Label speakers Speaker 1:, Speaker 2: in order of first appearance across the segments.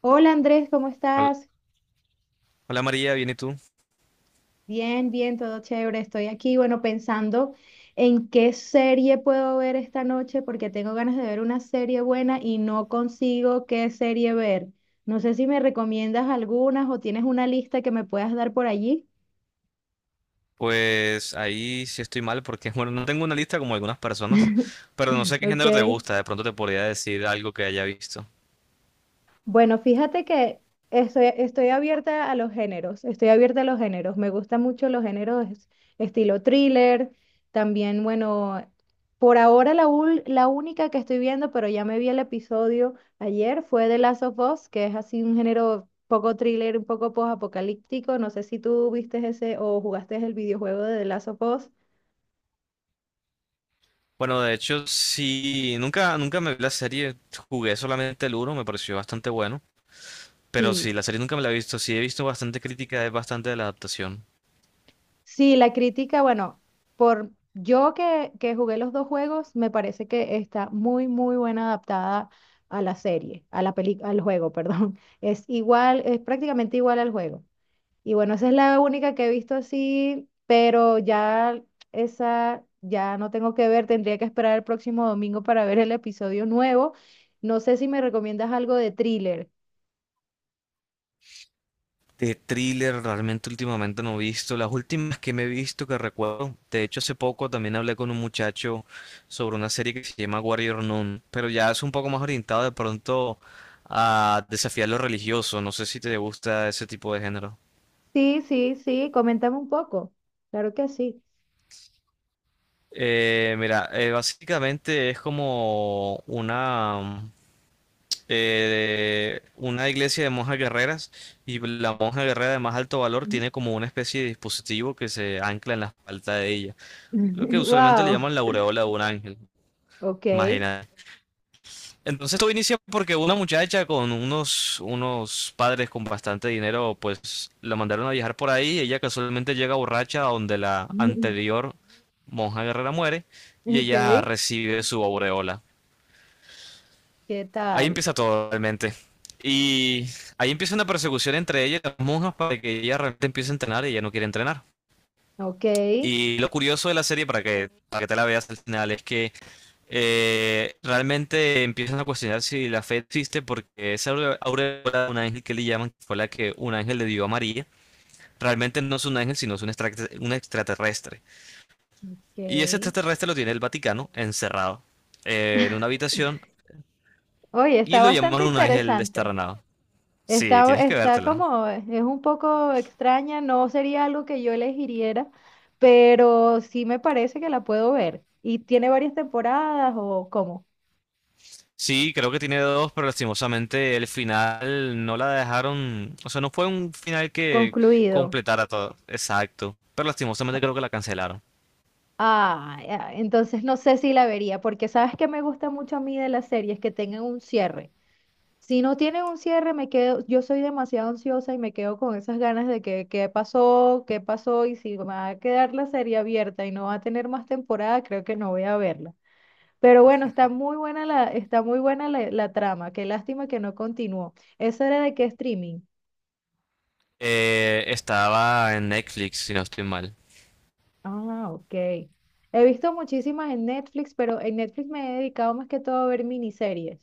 Speaker 1: Hola Andrés, ¿cómo
Speaker 2: Hola,
Speaker 1: estás?
Speaker 2: hola, María, ¿bien y tú?
Speaker 1: Bien, bien, todo chévere. Estoy aquí, bueno, pensando en qué serie puedo ver esta noche porque tengo ganas de ver una serie buena y no consigo qué serie ver. No sé si me recomiendas algunas o tienes una lista que me puedas dar por allí.
Speaker 2: Pues ahí sí estoy mal porque, bueno, no tengo una lista como algunas personas, pero no sé qué género te
Speaker 1: Ok.
Speaker 2: gusta, de pronto te podría decir algo que haya visto.
Speaker 1: Bueno, fíjate que estoy abierta a los géneros, estoy abierta a los géneros. Me gustan mucho los géneros estilo thriller, también, bueno, por ahora la única que estoy viendo, pero ya me vi el episodio ayer, fue The Last of Us, que es así un género poco thriller, un poco post-apocalíptico. No sé si tú viste ese o jugaste el videojuego de The Last of Us.
Speaker 2: Bueno, de hecho, sí, nunca me vi la serie, jugué solamente el uno, me pareció bastante bueno, pero
Speaker 1: Sí.
Speaker 2: sí, la serie nunca me la he visto, sí he visto bastante crítica, es bastante de la adaptación.
Speaker 1: Sí, la crítica, bueno, por yo que jugué los dos juegos, me parece que está muy, muy buena adaptada a la serie, a la peli, al juego, perdón. Es igual, es prácticamente igual al juego. Y bueno, esa es la única que he visto así, pero ya esa ya no tengo que ver, tendría que esperar el próximo domingo para ver el episodio nuevo. No sé si me recomiendas algo de thriller.
Speaker 2: De thriller, realmente últimamente no he visto. Las últimas que me he visto que recuerdo, de hecho hace poco también hablé con un muchacho sobre una serie que se llama Warrior Nun, pero ya es un poco más orientado de pronto a desafiar lo religioso. No sé si te gusta ese tipo de género.
Speaker 1: Sí, sí, sí, coméntame un poco. Claro que sí.
Speaker 2: Mira, básicamente es como una iglesia de monjas guerreras y la monja guerrera de más alto valor tiene como una especie de dispositivo que se ancla en la espalda de ella. Lo que usualmente le
Speaker 1: Wow.
Speaker 2: llaman la aureola de un ángel,
Speaker 1: Ok,
Speaker 2: imagínate. Entonces todo inicia porque una muchacha con unos padres con bastante dinero, pues la mandaron a viajar por ahí. Ella casualmente llega borracha a donde la anterior monja guerrera muere y ella
Speaker 1: ok,
Speaker 2: recibe su aureola.
Speaker 1: ¿qué
Speaker 2: Ahí
Speaker 1: tal?
Speaker 2: empieza todo realmente. Y ahí empieza una persecución entre ella y las monjas para que ella realmente empiece a entrenar y ella no quiere entrenar.
Speaker 1: Ok,
Speaker 2: Y lo curioso de la serie, para que te la veas al final, es que realmente empiezan a cuestionar si la fe existe porque esa aureola de un ángel que le llaman, que fue la que un ángel le dio a María, realmente no es un ángel, sino es un, un extraterrestre.
Speaker 1: ok.
Speaker 2: Y ese extraterrestre lo tiene el Vaticano encerrado, en una habitación
Speaker 1: Oye,
Speaker 2: y
Speaker 1: está
Speaker 2: lo llaman
Speaker 1: bastante
Speaker 2: un ángel
Speaker 1: interesante.
Speaker 2: desterranado. Sí,
Speaker 1: Está,
Speaker 2: tienes que
Speaker 1: está
Speaker 2: vértela.
Speaker 1: como, es un poco extraña, no sería algo que yo elegiría, pero sí me parece que la puedo ver. ¿Y tiene varias temporadas o cómo?
Speaker 2: Sí, creo que tiene dos, pero lastimosamente el final no la dejaron, o sea, no fue un final que
Speaker 1: Concluido.
Speaker 2: completara todo. Exacto. Pero lastimosamente creo que la cancelaron.
Speaker 1: Ah, ya, entonces no sé si la vería, porque sabes que me gusta mucho a mí de las series que tengan un cierre. Si no tienen un cierre, me quedo, yo soy demasiado ansiosa y me quedo con esas ganas de que qué pasó y si va a quedar la serie abierta y no va a tener más temporada, creo que no voy a verla. Pero bueno, está muy buena la, está muy buena la, la trama. Qué lástima que no continuó. ¿Eso era de qué streaming?
Speaker 2: Estaba en Netflix, si no estoy mal.
Speaker 1: Ah, ok. He visto muchísimas en Netflix, pero en Netflix me he dedicado más que todo a ver miniseries.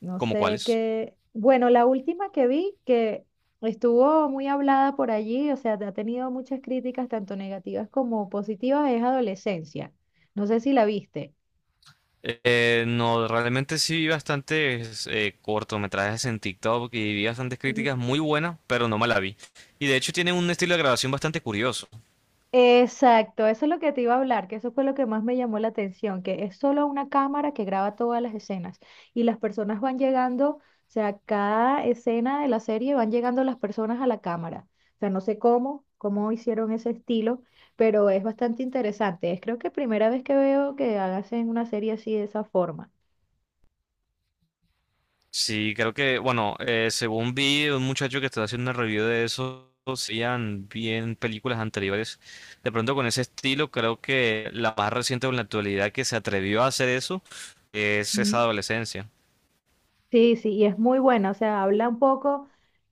Speaker 1: No
Speaker 2: ¿Cómo
Speaker 1: sé
Speaker 2: cuáles?
Speaker 1: qué. Bueno, la última que vi que estuvo muy hablada por allí, o sea, ha tenido muchas críticas, tanto negativas como positivas, es Adolescencia. No sé si la viste.
Speaker 2: No, realmente sí vi bastantes cortometrajes en TikTok y vi bastantes
Speaker 1: Mm.
Speaker 2: críticas muy buenas, pero no me la vi. Y de hecho tiene un estilo de grabación bastante curioso.
Speaker 1: Exacto, eso es lo que te iba a hablar, que eso fue lo que más me llamó la atención, que es solo una cámara que graba todas las escenas y las personas van llegando, o sea, cada escena de la serie van llegando las personas a la cámara. O sea, no sé cómo, cómo hicieron ese estilo, pero es bastante interesante. Es creo que primera vez que veo que hacen una serie así de esa forma.
Speaker 2: Sí, creo que, bueno, según vi un muchacho que estaba haciendo una review de eso, hacían bien películas anteriores. De pronto con ese estilo, creo que la más reciente o en la actualidad que se atrevió a hacer eso es esa adolescencia.
Speaker 1: Sí, sí, y es muy buena, o sea, habla un poco,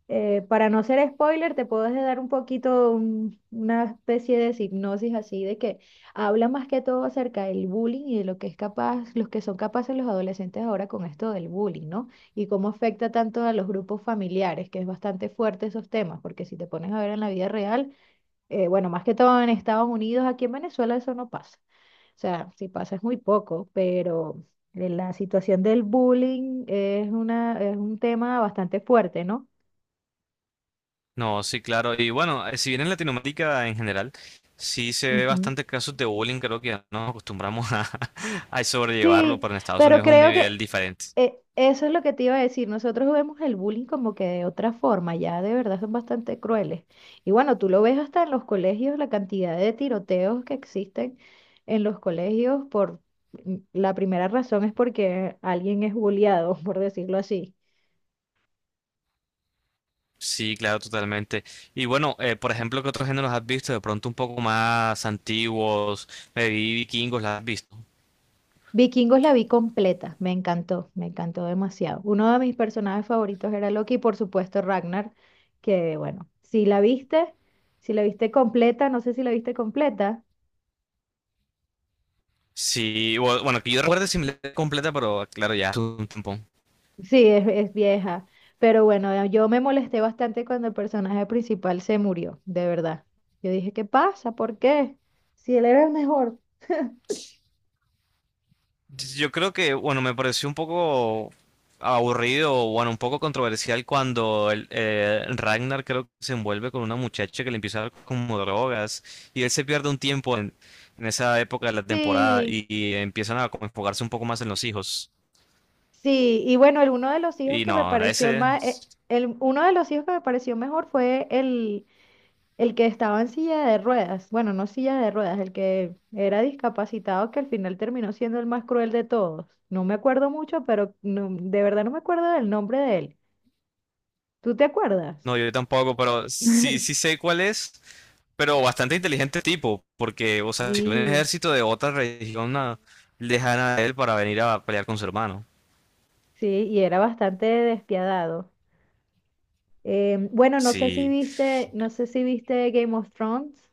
Speaker 1: para no ser spoiler, te puedo dar un poquito una especie de hipnosis así de que habla más que todo acerca del bullying y de lo que es capaz, los que son capaces los adolescentes ahora con esto del bullying, ¿no? Y cómo afecta tanto a los grupos familiares, que es bastante fuerte esos temas, porque si te pones a ver en la vida real, bueno, más que todo en Estados Unidos, aquí en Venezuela eso no pasa. O sea, si pasa es muy poco, pero la situación del bullying es una, es un tema bastante fuerte, ¿no?
Speaker 2: No, sí, claro. Y bueno, si bien en Latinoamérica en general, sí se ve
Speaker 1: Ujú.
Speaker 2: bastante casos de bullying, creo que ya nos acostumbramos a, a sobrellevarlo,
Speaker 1: Sí,
Speaker 2: pero en Estados
Speaker 1: pero
Speaker 2: Unidos es un
Speaker 1: creo
Speaker 2: nivel
Speaker 1: que
Speaker 2: diferente.
Speaker 1: eso es lo que te iba a decir. Nosotros vemos el bullying como que de otra forma, ya de verdad son bastante crueles. Y bueno, tú lo ves hasta en los colegios, la cantidad de tiroteos que existen en los colegios por la primera razón es porque alguien es bulleado, por decirlo así.
Speaker 2: Sí, claro, totalmente. Y bueno, por ejemplo, ¿qué otros géneros has visto? De pronto un poco más antiguos, me vi vikingos, ¿las has visto?
Speaker 1: Vikingos la vi completa, me encantó demasiado. Uno de mis personajes favoritos era Loki y por supuesto Ragnar, que bueno, si la viste, si la viste completa, no sé si la viste completa,
Speaker 2: Sí, bueno, que yo recuerde sin completa, pero claro, ya hace un tiempo.
Speaker 1: sí, es vieja, pero bueno, yo me molesté bastante cuando el personaje principal se murió, de verdad. Yo dije, ¿qué pasa? ¿Por qué? Si él era el mejor.
Speaker 2: Yo creo que, bueno, me pareció un poco aburrido, o, bueno, un poco controversial cuando el, Ragnar creo que se envuelve con una muchacha que le empieza a dar como drogas y él se pierde un tiempo en esa época de la temporada
Speaker 1: Sí,
Speaker 2: y empiezan a como enfocarse un poco más en los hijos.
Speaker 1: sí, y bueno, el, uno de los hijos
Speaker 2: Y
Speaker 1: que me
Speaker 2: no,
Speaker 1: pareció el
Speaker 2: ese,
Speaker 1: más, el, uno de los hijos que me pareció mejor fue el que estaba en silla de ruedas, bueno, no silla de ruedas, el que era discapacitado, que al final terminó siendo el más cruel de todos. No me acuerdo mucho, pero de verdad no me acuerdo del nombre de él. ¿Tú te acuerdas?
Speaker 2: no, yo tampoco, pero sí, sí sé cuál es, pero bastante inteligente tipo, porque, o sea, si un
Speaker 1: Sí,
Speaker 2: ejército de otra región ah, lejana a él para venir a pelear con su hermano,
Speaker 1: sí, y era bastante despiadado. Bueno, no sé si
Speaker 2: sí.
Speaker 1: viste, no sé si viste Game of Thrones,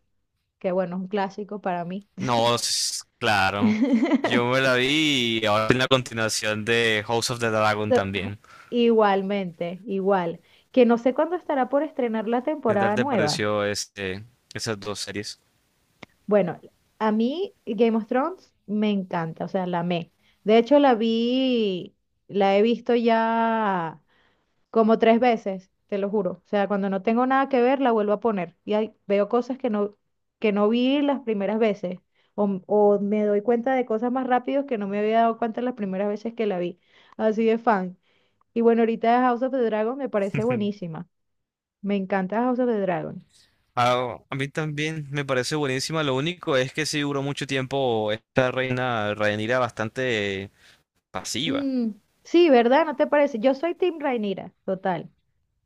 Speaker 1: que bueno, es un clásico para mí.
Speaker 2: No, claro. Yo me la vi y ahora en la continuación de House of the Dragon
Speaker 1: So-
Speaker 2: también.
Speaker 1: Igualmente, igual. Que no sé cuándo estará por estrenar la
Speaker 2: ¿Qué tal
Speaker 1: temporada
Speaker 2: te
Speaker 1: nueva.
Speaker 2: pareció este, esas dos series?
Speaker 1: Bueno, a mí Game of Thrones me encanta, o sea, la amé. De hecho, la vi, la he visto ya como tres veces, te lo juro. O sea, cuando no tengo nada que ver, la vuelvo a poner. Y ahí veo cosas que no vi las primeras veces. O me doy cuenta de cosas más rápido que no me había dado cuenta las primeras veces que la vi. Así de fan. Y bueno, ahorita House of the Dragon me parece buenísima. Me encanta House of the Dragon.
Speaker 2: Ah, a mí también me parece buenísima. Lo único es que sí duró mucho tiempo esta reina Rhaenyra bastante pasiva.
Speaker 1: Mm, sí, ¿verdad? ¿No te parece? Yo soy Team Rhaenyra, total.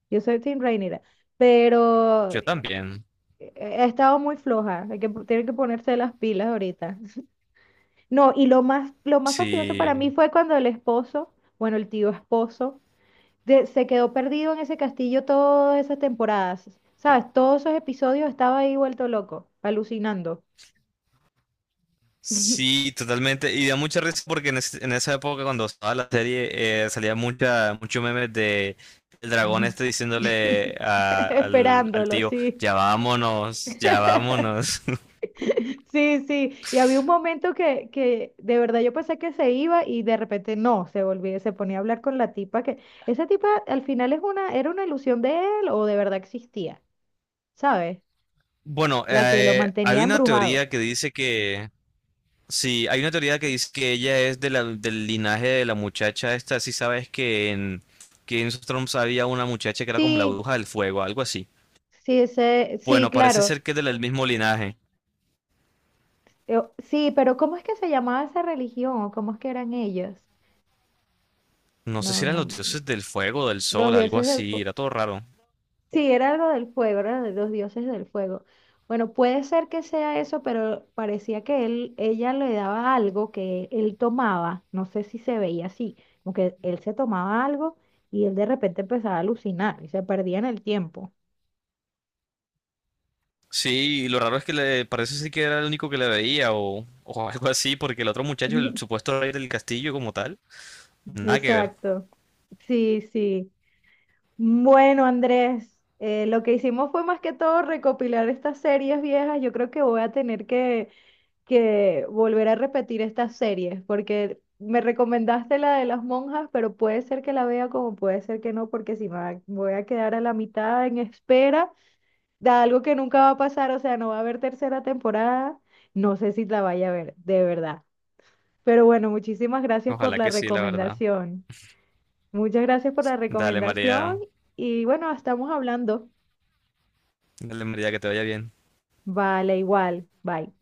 Speaker 1: Yo soy Team Rhaenyra, pero
Speaker 2: Yo
Speaker 1: he
Speaker 2: también.
Speaker 1: he estado muy floja. Hay que, tienen que ponerse las pilas ahorita. No, y lo más fastidioso para
Speaker 2: Sí,
Speaker 1: mí fue cuando el esposo, bueno, el tío esposo, se quedó perdido en ese castillo todas esas temporadas. ¿Sabes? Todos esos episodios estaba ahí vuelto loco, alucinando,
Speaker 2: sí, totalmente. Y da mucha risa porque en, en esa época cuando estaba la serie salía mucha, mucho memes de el dragón este diciéndole al, al
Speaker 1: esperándolo,
Speaker 2: tío,
Speaker 1: sí.
Speaker 2: ya vámonos, ya vámonos.
Speaker 1: Sí, sí, y había un momento que de verdad yo pensé que se iba y de repente no, se volvía, se ponía a hablar con la tipa que esa tipa al final es una, era una ilusión de él o de verdad existía, ¿sabes?
Speaker 2: Bueno,
Speaker 1: La que lo mantenía
Speaker 2: hay una
Speaker 1: embrujado.
Speaker 2: teoría que dice que, sí, hay una teoría que dice que ella es de del linaje de la muchacha esta, si sabes que en Game of Thrones había una muchacha que era como la
Speaker 1: Sí,
Speaker 2: bruja del fuego, algo así.
Speaker 1: sí, ese, sí,
Speaker 2: Bueno, parece
Speaker 1: claro.
Speaker 2: ser que es del mismo linaje.
Speaker 1: Yo- sí, pero ¿cómo es que se llamaba esa religión o cómo es que eran ellos?
Speaker 2: No sé si
Speaker 1: No,
Speaker 2: eran
Speaker 1: no,
Speaker 2: los dioses del fuego, del
Speaker 1: los
Speaker 2: sol, algo
Speaker 1: dioses del
Speaker 2: así,
Speaker 1: fuego.
Speaker 2: era todo raro.
Speaker 1: Sí, era algo del fuego, era de los dioses del fuego. Bueno, puede ser que sea eso, pero parecía que él, ella le daba algo que él tomaba, no sé si se veía así, como que él se tomaba algo y él de repente empezaba a alucinar y se perdía en el tiempo.
Speaker 2: Sí, y lo raro es que le parece sí que era el único que le veía o algo así, porque el otro muchacho, el supuesto rey del castillo como tal, nada que ver.
Speaker 1: Exacto. Sí, sí. Bueno, Andrés, lo que hicimos fue más que todo recopilar estas series viejas. Yo creo que voy a tener que volver a repetir estas series, porque me recomendaste la de las monjas, pero puede ser que la vea como puede ser que no, porque si voy a quedar a la mitad en espera de algo que nunca va a pasar, o sea, no va a haber tercera temporada, no sé si la vaya a ver, de verdad. Pero bueno, muchísimas gracias por
Speaker 2: Ojalá
Speaker 1: la
Speaker 2: que sí, la verdad.
Speaker 1: recomendación. Muchas gracias por la
Speaker 2: Dale,
Speaker 1: recomendación
Speaker 2: María,
Speaker 1: y bueno, estamos hablando.
Speaker 2: dale, María, que te vaya bien.
Speaker 1: Vale, igual. Bye.